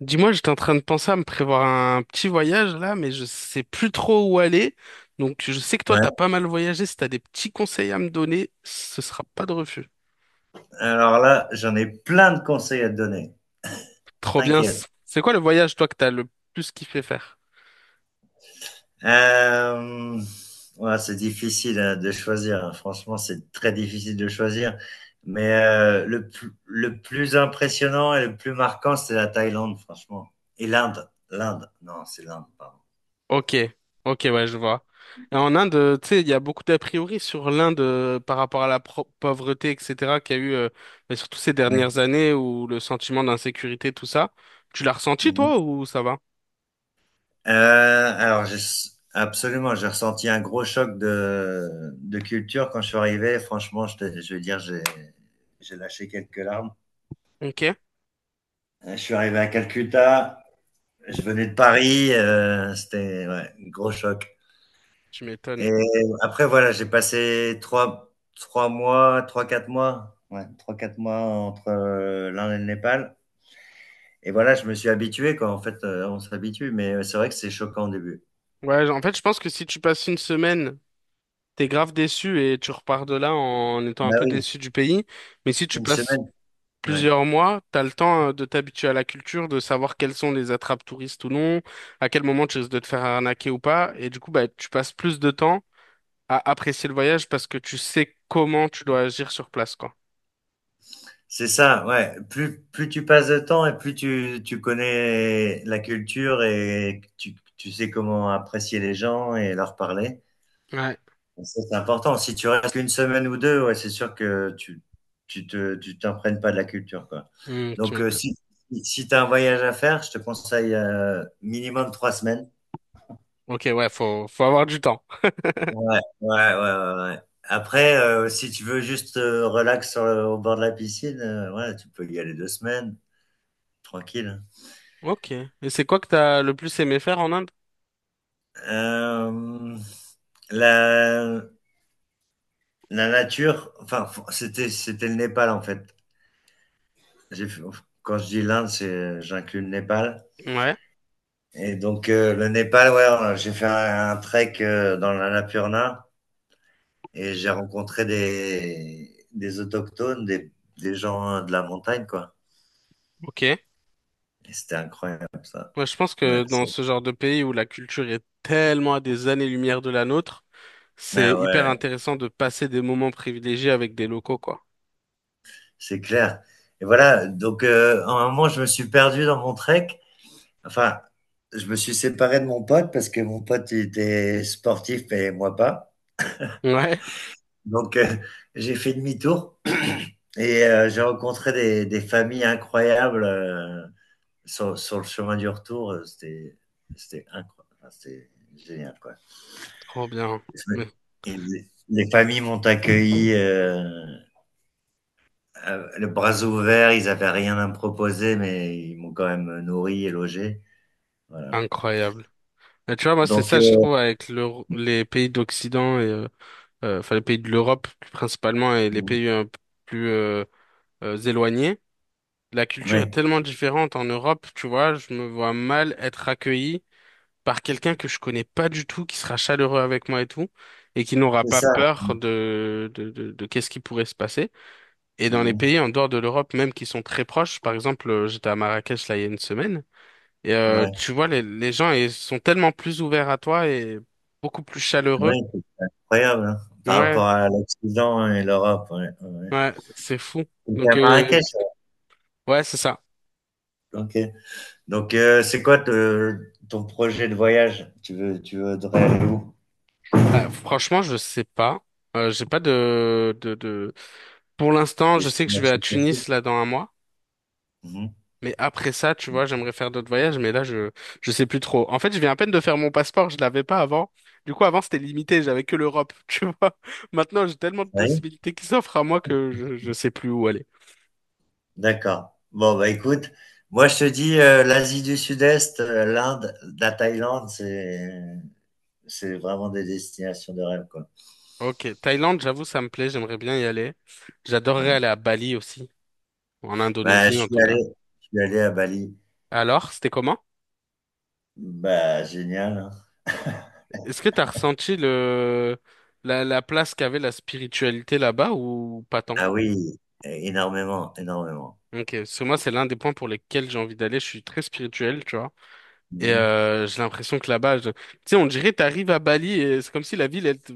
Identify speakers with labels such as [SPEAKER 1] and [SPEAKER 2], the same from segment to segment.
[SPEAKER 1] Dis-moi, j'étais en train de penser à me prévoir un petit voyage là, mais je sais plus trop où aller. Donc je sais que toi,
[SPEAKER 2] Ouais.
[SPEAKER 1] t'as pas mal voyagé. Si t'as des petits conseils à me donner, ce sera pas de refus.
[SPEAKER 2] Alors là, j'en ai plein de conseils à te donner.
[SPEAKER 1] Trop bien.
[SPEAKER 2] T'inquiète.
[SPEAKER 1] C'est quoi le voyage, toi, que t'as le plus kiffé faire?
[SPEAKER 2] Euh, ouais, c'est difficile hein, de choisir. Hein. Franchement, c'est très difficile de choisir. Mais le plus impressionnant et le plus marquant, c'est la Thaïlande, franchement. Et l'Inde. L'Inde. Non, c'est l'Inde, pardon.
[SPEAKER 1] Ok, ok, ouais, je vois. Et en Inde, tu sais, il y a beaucoup d'a priori sur l'Inde par rapport à la pauvreté, etc., qu'il y a eu, mais surtout ces
[SPEAKER 2] Ouais.
[SPEAKER 1] dernières années où le sentiment d'insécurité, tout ça. Tu l'as ressenti,
[SPEAKER 2] Mhm.
[SPEAKER 1] toi, ou ça va?
[SPEAKER 2] Euh, alors, j'ai- absolument, j'ai ressenti un gros choc de culture quand je suis arrivé. Franchement, je vais dire, j'ai lâché quelques larmes.
[SPEAKER 1] Ok,
[SPEAKER 2] Je suis arrivé à Calcutta. Je venais de Paris, c'était ouais, un gros choc
[SPEAKER 1] tu
[SPEAKER 2] et
[SPEAKER 1] m'étonnes.
[SPEAKER 2] après voilà, j'ai passé trois mois, trois quatre mois, ouais, 3-4 mois entre, l'Inde et le Népal et voilà, je me suis habitué quoi, en fait, on s'habitue mais c'est vrai que c'est choquant au début.
[SPEAKER 1] Ouais, en fait, je pense que si tu passes une semaine, t'es grave déçu et tu repars de là en étant un
[SPEAKER 2] Bah
[SPEAKER 1] peu
[SPEAKER 2] oui,
[SPEAKER 1] déçu du pays. Mais si tu
[SPEAKER 2] une
[SPEAKER 1] passes
[SPEAKER 2] semaine, ouais.
[SPEAKER 1] plusieurs mois, t'as le temps de t'habituer à la culture, de savoir quelles sont les attrapes touristes ou non, à quel moment tu risques de te faire arnaquer ou pas. Et du coup, bah, tu passes plus de temps à apprécier le voyage parce que tu sais comment tu dois agir sur place, quoi.
[SPEAKER 2] C'est ça, ouais, plus tu passes de temps et plus tu connais la culture et tu sais comment apprécier les gens et leur parler.
[SPEAKER 1] Ouais.
[SPEAKER 2] Ça, c'est important. Si tu restes qu'une semaine ou deux, ouais, c'est sûr que tu t'imprègnes pas de la culture, quoi.
[SPEAKER 1] Hmm, tu
[SPEAKER 2] Donc
[SPEAKER 1] m'étonnes.
[SPEAKER 2] si tu as un voyage à faire, je te conseille minimum 3 semaines.
[SPEAKER 1] Ok, ouais, faut, faut avoir du temps.
[SPEAKER 2] Ouais, ouais, ouais, ouais, ouais. Après, si tu veux juste relax sur au bord de la piscine, ouais, tu peux y aller 2 semaines, tranquille.
[SPEAKER 1] Ok. Et c'est quoi que t'as le plus aimé faire en Inde?
[SPEAKER 2] Euh, la, la nature, enfin, c'était le Népal en fait. J'ai fait- quand je dis l'Inde, c'est j'inclus le Népal.
[SPEAKER 1] Ouais,
[SPEAKER 2] Et donc le Népal, ouais, j'ai fait un trek dans l'Annapurna et j'ai rencontré des autochtones, des gens de la montagne, quoi.
[SPEAKER 1] ok.
[SPEAKER 2] Et c'était incroyable, ça.
[SPEAKER 1] Moi, je pense que
[SPEAKER 2] Ouais,
[SPEAKER 1] dans
[SPEAKER 2] c'est
[SPEAKER 1] ce genre de pays où la culture est tellement à des années-lumière de la nôtre,
[SPEAKER 2] ouais,
[SPEAKER 1] c'est hyper
[SPEAKER 2] ouais,
[SPEAKER 1] intéressant de passer des moments privilégiés avec des locaux, quoi.
[SPEAKER 2] c'est clair. Et voilà, donc à un moment, je me suis perdu dans mon trek. Enfin, je me suis séparé de mon pote parce que mon pote il était sportif et moi pas.
[SPEAKER 1] Ouais,
[SPEAKER 2] Donc j'ai fait demi-tour et j'ai rencontré des familles incroyables. Sur sur le chemin du retour, c'était incroyable. Enfin, c'était génial quoi.
[SPEAKER 1] trop bien. Mais
[SPEAKER 2] Et les familles m'ont accueilli le bras ouvert, ils n'avaient rien à me proposer, mais ils m'ont quand même nourri et logé, voilà.
[SPEAKER 1] incroyable. Et tu vois, moi, c'est
[SPEAKER 2] Donc
[SPEAKER 1] ça, je trouve, avec les pays d'Occident et enfin, les pays de l'Europe, principalement, et les pays un peu plus, éloignés. La culture est
[SPEAKER 2] ouais,
[SPEAKER 1] tellement différente en Europe, tu vois, je me vois mal être accueilli par quelqu'un que je connais pas du tout, qui sera chaleureux avec moi et tout, et qui n'aura
[SPEAKER 2] c'est
[SPEAKER 1] pas
[SPEAKER 2] ça.
[SPEAKER 1] peur de qu'est-ce qui pourrait se passer. Et dans les
[SPEAKER 2] Mmh.
[SPEAKER 1] pays en dehors de l'Europe, même qui sont très proches, par exemple, j'étais à Marrakech là il y a une semaine, et
[SPEAKER 2] Ouais,
[SPEAKER 1] tu vois, les gens ils sont tellement plus ouverts à toi et beaucoup plus
[SPEAKER 2] ouais,
[SPEAKER 1] chaleureux.
[SPEAKER 2] c'est incroyable, hein, par
[SPEAKER 1] Ouais,
[SPEAKER 2] rapport à l'Occident et l'Europe, ouais, ouais, ouais.
[SPEAKER 1] ouais, c'est fou.
[SPEAKER 2] À
[SPEAKER 1] Donc,
[SPEAKER 2] Marrakech?
[SPEAKER 1] ouais, c'est ça.
[SPEAKER 2] Ouais. OK. Donc c'est quoi te ton projet de voyage? Tu voudrais aller où?
[SPEAKER 1] Franchement, je sais pas. J'ai pas Pour l'instant,
[SPEAKER 2] Des
[SPEAKER 1] je sais que je vais à
[SPEAKER 2] destinations précises.
[SPEAKER 1] Tunis là dans un mois.
[SPEAKER 2] Mhm.
[SPEAKER 1] Mais après ça, tu vois, j'aimerais faire d'autres voyages, mais je sais plus trop. En fait, je viens à peine de faire mon passeport, je l'avais pas avant. Du coup, avant, c'était limité, j'avais que l'Europe, tu vois. Maintenant, j'ai tellement de
[SPEAKER 2] Oui,
[SPEAKER 1] possibilités qui s'offrent à moi que je sais plus où aller.
[SPEAKER 2] d'accord. Bon, bah écoute, moi je te dis l'Asie du Sud-Est, l'Inde, la Thaïlande, c'est vraiment des destinations de rêve, quoi.
[SPEAKER 1] Ok, Thaïlande, j'avoue, ça me plaît, j'aimerais bien y aller. J'adorerais
[SPEAKER 2] Mm.
[SPEAKER 1] aller à Bali aussi, ou en
[SPEAKER 2] Bah,
[SPEAKER 1] Indonésie en tout cas.
[SPEAKER 2] je suis allé à Bali.
[SPEAKER 1] Alors, c'était comment?
[SPEAKER 2] Bah, génial. Hein.
[SPEAKER 1] Est-ce que t'as ressenti la place qu'avait la spiritualité là-bas ou pas tant?
[SPEAKER 2] Ah oui, énormément, énormément.
[SPEAKER 1] Ok, parce que moi, c'est l'un des points pour lesquels j'ai envie d'aller, je suis très spirituel, tu vois. Et
[SPEAKER 2] Mhm.
[SPEAKER 1] j'ai l'impression que là-bas, tu sais, on dirait t'arrives à Bali et c'est comme si la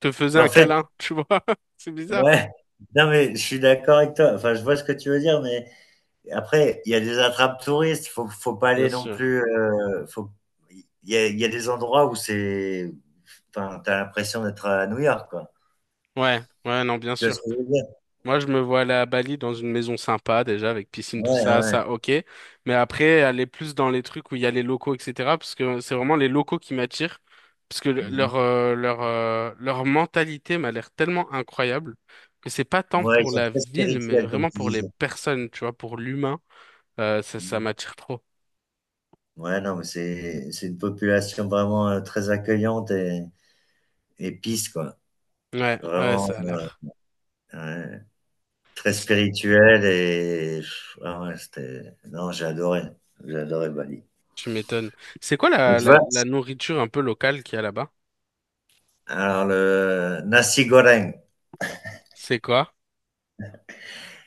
[SPEAKER 1] te faisait
[SPEAKER 2] En
[SPEAKER 1] un
[SPEAKER 2] fait,
[SPEAKER 1] câlin, tu vois. C'est bizarre.
[SPEAKER 2] ouais, non mais je suis d'accord avec toi. Enfin, je vois ce que tu veux dire, mais après, il y a des attrapes touristes, faut pas
[SPEAKER 1] Bien
[SPEAKER 2] aller non
[SPEAKER 1] sûr.
[SPEAKER 2] plus, faut il y a des endroits où c'est enfin, tu l'impression d'être à New York, quoi.
[SPEAKER 1] Ouais, ouais, non, bien
[SPEAKER 2] Tu vois ce
[SPEAKER 1] sûr.
[SPEAKER 2] que je veux dire?
[SPEAKER 1] Moi, je me vois aller à Bali dans une maison sympa, déjà, avec piscine, tout
[SPEAKER 2] Ouais,
[SPEAKER 1] ça,
[SPEAKER 2] ouais.
[SPEAKER 1] ça, ok. Mais après, aller plus dans les trucs où il y a les locaux, etc. Parce que c'est vraiment les locaux qui m'attirent. Parce que
[SPEAKER 2] Mmh.
[SPEAKER 1] leur mentalité m'a l'air tellement incroyable que c'est pas tant
[SPEAKER 2] Ouais, ils
[SPEAKER 1] pour
[SPEAKER 2] sont
[SPEAKER 1] la
[SPEAKER 2] très
[SPEAKER 1] ville, mais
[SPEAKER 2] spirituels comme
[SPEAKER 1] vraiment
[SPEAKER 2] tu
[SPEAKER 1] pour les
[SPEAKER 2] disais.
[SPEAKER 1] personnes, tu vois, pour l'humain. Ça
[SPEAKER 2] Mmh.
[SPEAKER 1] m'attire trop.
[SPEAKER 2] Ouais, non, mais c'est une population vraiment, très accueillante et peace, quoi.
[SPEAKER 1] Ouais, ouais,
[SPEAKER 2] Vraiment,
[SPEAKER 1] ça a
[SPEAKER 2] ouais,
[SPEAKER 1] l'air.
[SPEAKER 2] ouais, très spirituelle et pff, ah ouais, c'était non, j'ai adoré Bali.
[SPEAKER 1] Tu m'étonnes. C'est quoi
[SPEAKER 2] Mais tu vois?
[SPEAKER 1] la nourriture un peu locale qu'il y a là-bas?
[SPEAKER 2] Alors le nasi goreng.
[SPEAKER 1] C'est quoi?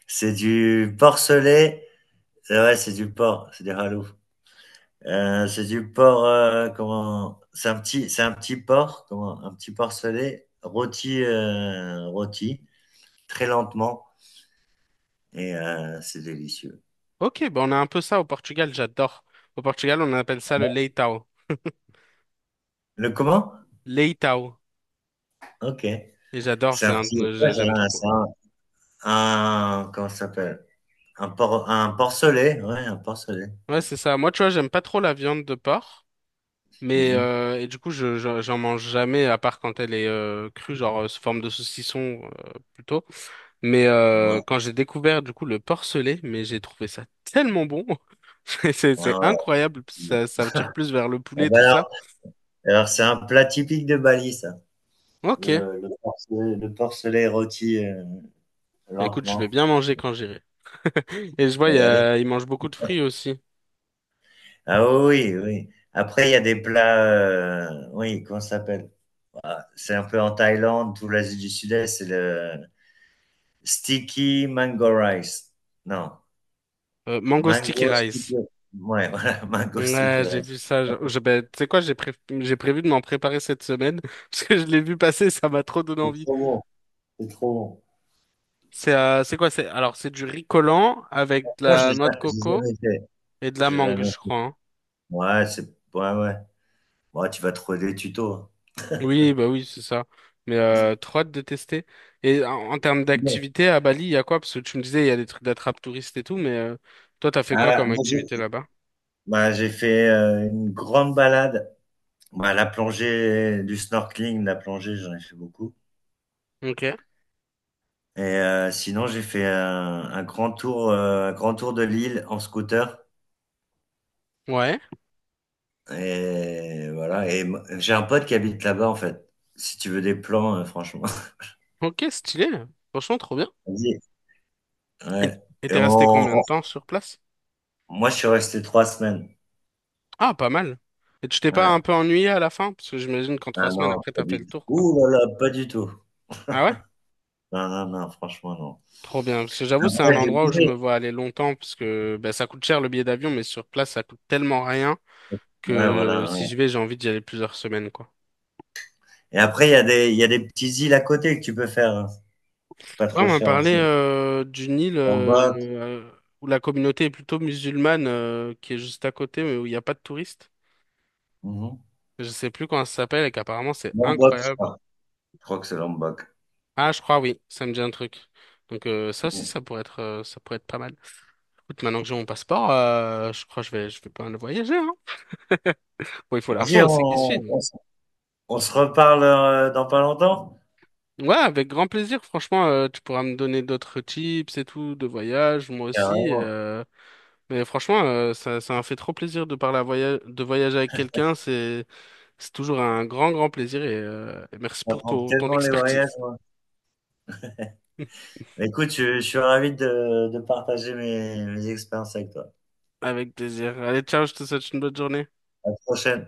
[SPEAKER 2] C'est du porc selé. C'est ouais, c'est du porc, c'est des halous. C'est du porc, c'est un petit porc, comment, un petit porc selé, rôti, rôti, très lentement, et c'est délicieux.
[SPEAKER 1] Ok, ben on a un peu ça au Portugal, j'adore. Au Portugal, on appelle ça le leitão.
[SPEAKER 2] Le comment?
[SPEAKER 1] Leitão.
[SPEAKER 2] Ok.
[SPEAKER 1] Et j'adore,
[SPEAKER 2] C'est
[SPEAKER 1] c'est
[SPEAKER 2] un
[SPEAKER 1] un...
[SPEAKER 2] petit, ouais,
[SPEAKER 1] j'aime trop.
[SPEAKER 2] comment ça s'appelle? Un porc selé, ouais, un porc selé.
[SPEAKER 1] Ouais,
[SPEAKER 2] Ouais.
[SPEAKER 1] c'est ça. Moi, tu vois, j'aime pas trop la viande de porc. Mais
[SPEAKER 2] Mhm.
[SPEAKER 1] et du coup, j'en mange jamais, à part quand elle est crue, genre sous forme de saucisson plutôt. Mais
[SPEAKER 2] Ouais.
[SPEAKER 1] quand j'ai découvert du coup le porcelet, mais j'ai trouvé ça tellement bon. C'est
[SPEAKER 2] Ah
[SPEAKER 1] incroyable,
[SPEAKER 2] ouais.
[SPEAKER 1] ça me tire plus vers le
[SPEAKER 2] Ah
[SPEAKER 1] poulet,
[SPEAKER 2] bah
[SPEAKER 1] tout ça.
[SPEAKER 2] alors c'est un plat typique de Bali, ça.
[SPEAKER 1] Ok,
[SPEAKER 2] Porcelet, le porcelet rôti
[SPEAKER 1] bah, écoute, je vais
[SPEAKER 2] lentement.
[SPEAKER 1] bien manger quand j'irai. Et je vois,
[SPEAKER 2] On va y aller.
[SPEAKER 1] il mange beaucoup de fruits aussi.
[SPEAKER 2] Ah oui, oui, oui. Après, il y a des plats, oui, comment ça s'appelle? Ah, c'est un peu en Thaïlande, tout l'Asie du Sud-Est, c'est le sticky mango rice. Non,
[SPEAKER 1] Mango sticky
[SPEAKER 2] mango
[SPEAKER 1] rice.
[SPEAKER 2] sticky. Ouais, voilà, mango
[SPEAKER 1] Ouais,
[SPEAKER 2] sticky
[SPEAKER 1] j'ai
[SPEAKER 2] rice.
[SPEAKER 1] vu ça. Ben, tu sais quoi, j'ai prévu de m'en préparer cette semaine parce que je l'ai vu passer, ça m'a trop donné
[SPEAKER 2] C'est
[SPEAKER 1] envie.
[SPEAKER 2] trop bon, c'est trop bon.
[SPEAKER 1] C'est quoi? C'est alors c'est du riz collant avec de
[SPEAKER 2] Moi,
[SPEAKER 1] la noix de
[SPEAKER 2] j'ai
[SPEAKER 1] coco
[SPEAKER 2] jamais fait.
[SPEAKER 1] et de la
[SPEAKER 2] J'ai
[SPEAKER 1] mangue,
[SPEAKER 2] jamais
[SPEAKER 1] je
[SPEAKER 2] fait.
[SPEAKER 1] crois, hein.
[SPEAKER 2] Ouais, ouais, ouais. Bon, tu vas trouver des tutos.
[SPEAKER 1] Oui, bah oui, c'est ça. Mais trop hâte de tester. Et en termes
[SPEAKER 2] C'est bon.
[SPEAKER 1] d'activité à Bali, il y a quoi? Parce que tu me disais, il y a des trucs d'attrape touristes et tout, mais toi, t'as fait quoi
[SPEAKER 2] Ah,
[SPEAKER 1] comme
[SPEAKER 2] moi,
[SPEAKER 1] activité là-bas?
[SPEAKER 2] bah, j'ai fait une grande balade. Bah, la plongée, du snorkeling, la plongée, j'en ai fait beaucoup.
[SPEAKER 1] Ok.
[SPEAKER 2] Et sinon, j'ai fait un grand tour de l'île en scooter.
[SPEAKER 1] Ouais.
[SPEAKER 2] Et voilà. Et j'ai un pote qui habite là-bas, en fait. Si tu veux des plans, franchement.
[SPEAKER 1] Ok, stylé. Franchement, trop bien.
[SPEAKER 2] Vas-y.
[SPEAKER 1] Et
[SPEAKER 2] Ouais.
[SPEAKER 1] et
[SPEAKER 2] Et
[SPEAKER 1] t'es resté combien de temps sur place?
[SPEAKER 2] moi, je suis resté 3 semaines.
[SPEAKER 1] Ah, pas mal. Et tu t'es pas un
[SPEAKER 2] Ouais.
[SPEAKER 1] peu ennuyé à la fin? Parce que j'imagine qu'en trois
[SPEAKER 2] Ah
[SPEAKER 1] semaines
[SPEAKER 2] non,
[SPEAKER 1] après,
[SPEAKER 2] pas
[SPEAKER 1] t'as fait
[SPEAKER 2] du
[SPEAKER 1] le
[SPEAKER 2] tout.
[SPEAKER 1] tour, quoi.
[SPEAKER 2] Ouh là là, pas du tout.
[SPEAKER 1] Ah ouais?
[SPEAKER 2] Non, non, non, franchement, non.
[SPEAKER 1] Trop bien. Parce que j'avoue, c'est
[SPEAKER 2] Après,
[SPEAKER 1] un
[SPEAKER 2] j'ai
[SPEAKER 1] endroit où je
[SPEAKER 2] bougé.
[SPEAKER 1] me vois aller longtemps, parce que bah, ça coûte cher le billet d'avion, mais sur place, ça coûte tellement rien
[SPEAKER 2] Ouais,
[SPEAKER 1] que
[SPEAKER 2] voilà.
[SPEAKER 1] si je vais, j'ai envie d'y aller plusieurs semaines, quoi.
[SPEAKER 2] Et après, il y a des petits îles à côté que tu peux faire. Hein. C'est pas
[SPEAKER 1] Ouais, on
[SPEAKER 2] trop
[SPEAKER 1] m'a
[SPEAKER 2] cher
[SPEAKER 1] parlé
[SPEAKER 2] aussi.
[SPEAKER 1] d'une île
[SPEAKER 2] Lombok.
[SPEAKER 1] euh, où la communauté est plutôt musulmane, qui est juste à côté, mais où il n'y a pas de touristes.
[SPEAKER 2] Mhm.
[SPEAKER 1] Je sais plus comment ça s'appelle et qu'apparemment c'est
[SPEAKER 2] Lombok, je
[SPEAKER 1] incroyable.
[SPEAKER 2] crois. Je crois que c'est Lombok.
[SPEAKER 1] Ah, je crois, oui, ça me dit un truc. Donc
[SPEAKER 2] Mhm.
[SPEAKER 1] ça pourrait être pas mal. Écoute, maintenant que j'ai mon passeport, je crois que je vais pas mal voyager, hein. Bon, il faut l'argent
[SPEAKER 2] Vas-y,
[SPEAKER 1] aussi qui suit, mais—
[SPEAKER 2] on se reparle dans pas longtemps.
[SPEAKER 1] Ouais, avec grand plaisir. Franchement, tu pourras me donner d'autres tips et tout de voyage, moi aussi,
[SPEAKER 2] Carrément.
[SPEAKER 1] euh. Mais franchement, ça m'a fait trop plaisir de parler à de voyager avec quelqu'un. C'est toujours un grand, grand plaisir et merci
[SPEAKER 2] Ça
[SPEAKER 1] pour
[SPEAKER 2] prend
[SPEAKER 1] ton
[SPEAKER 2] tellement les voyages,
[SPEAKER 1] expertise.
[SPEAKER 2] moi. Mais écoute, je suis ravi de partager mes expériences avec toi.
[SPEAKER 1] Avec plaisir. Allez, ciao, je te souhaite une bonne journée.
[SPEAKER 2] À la prochaine.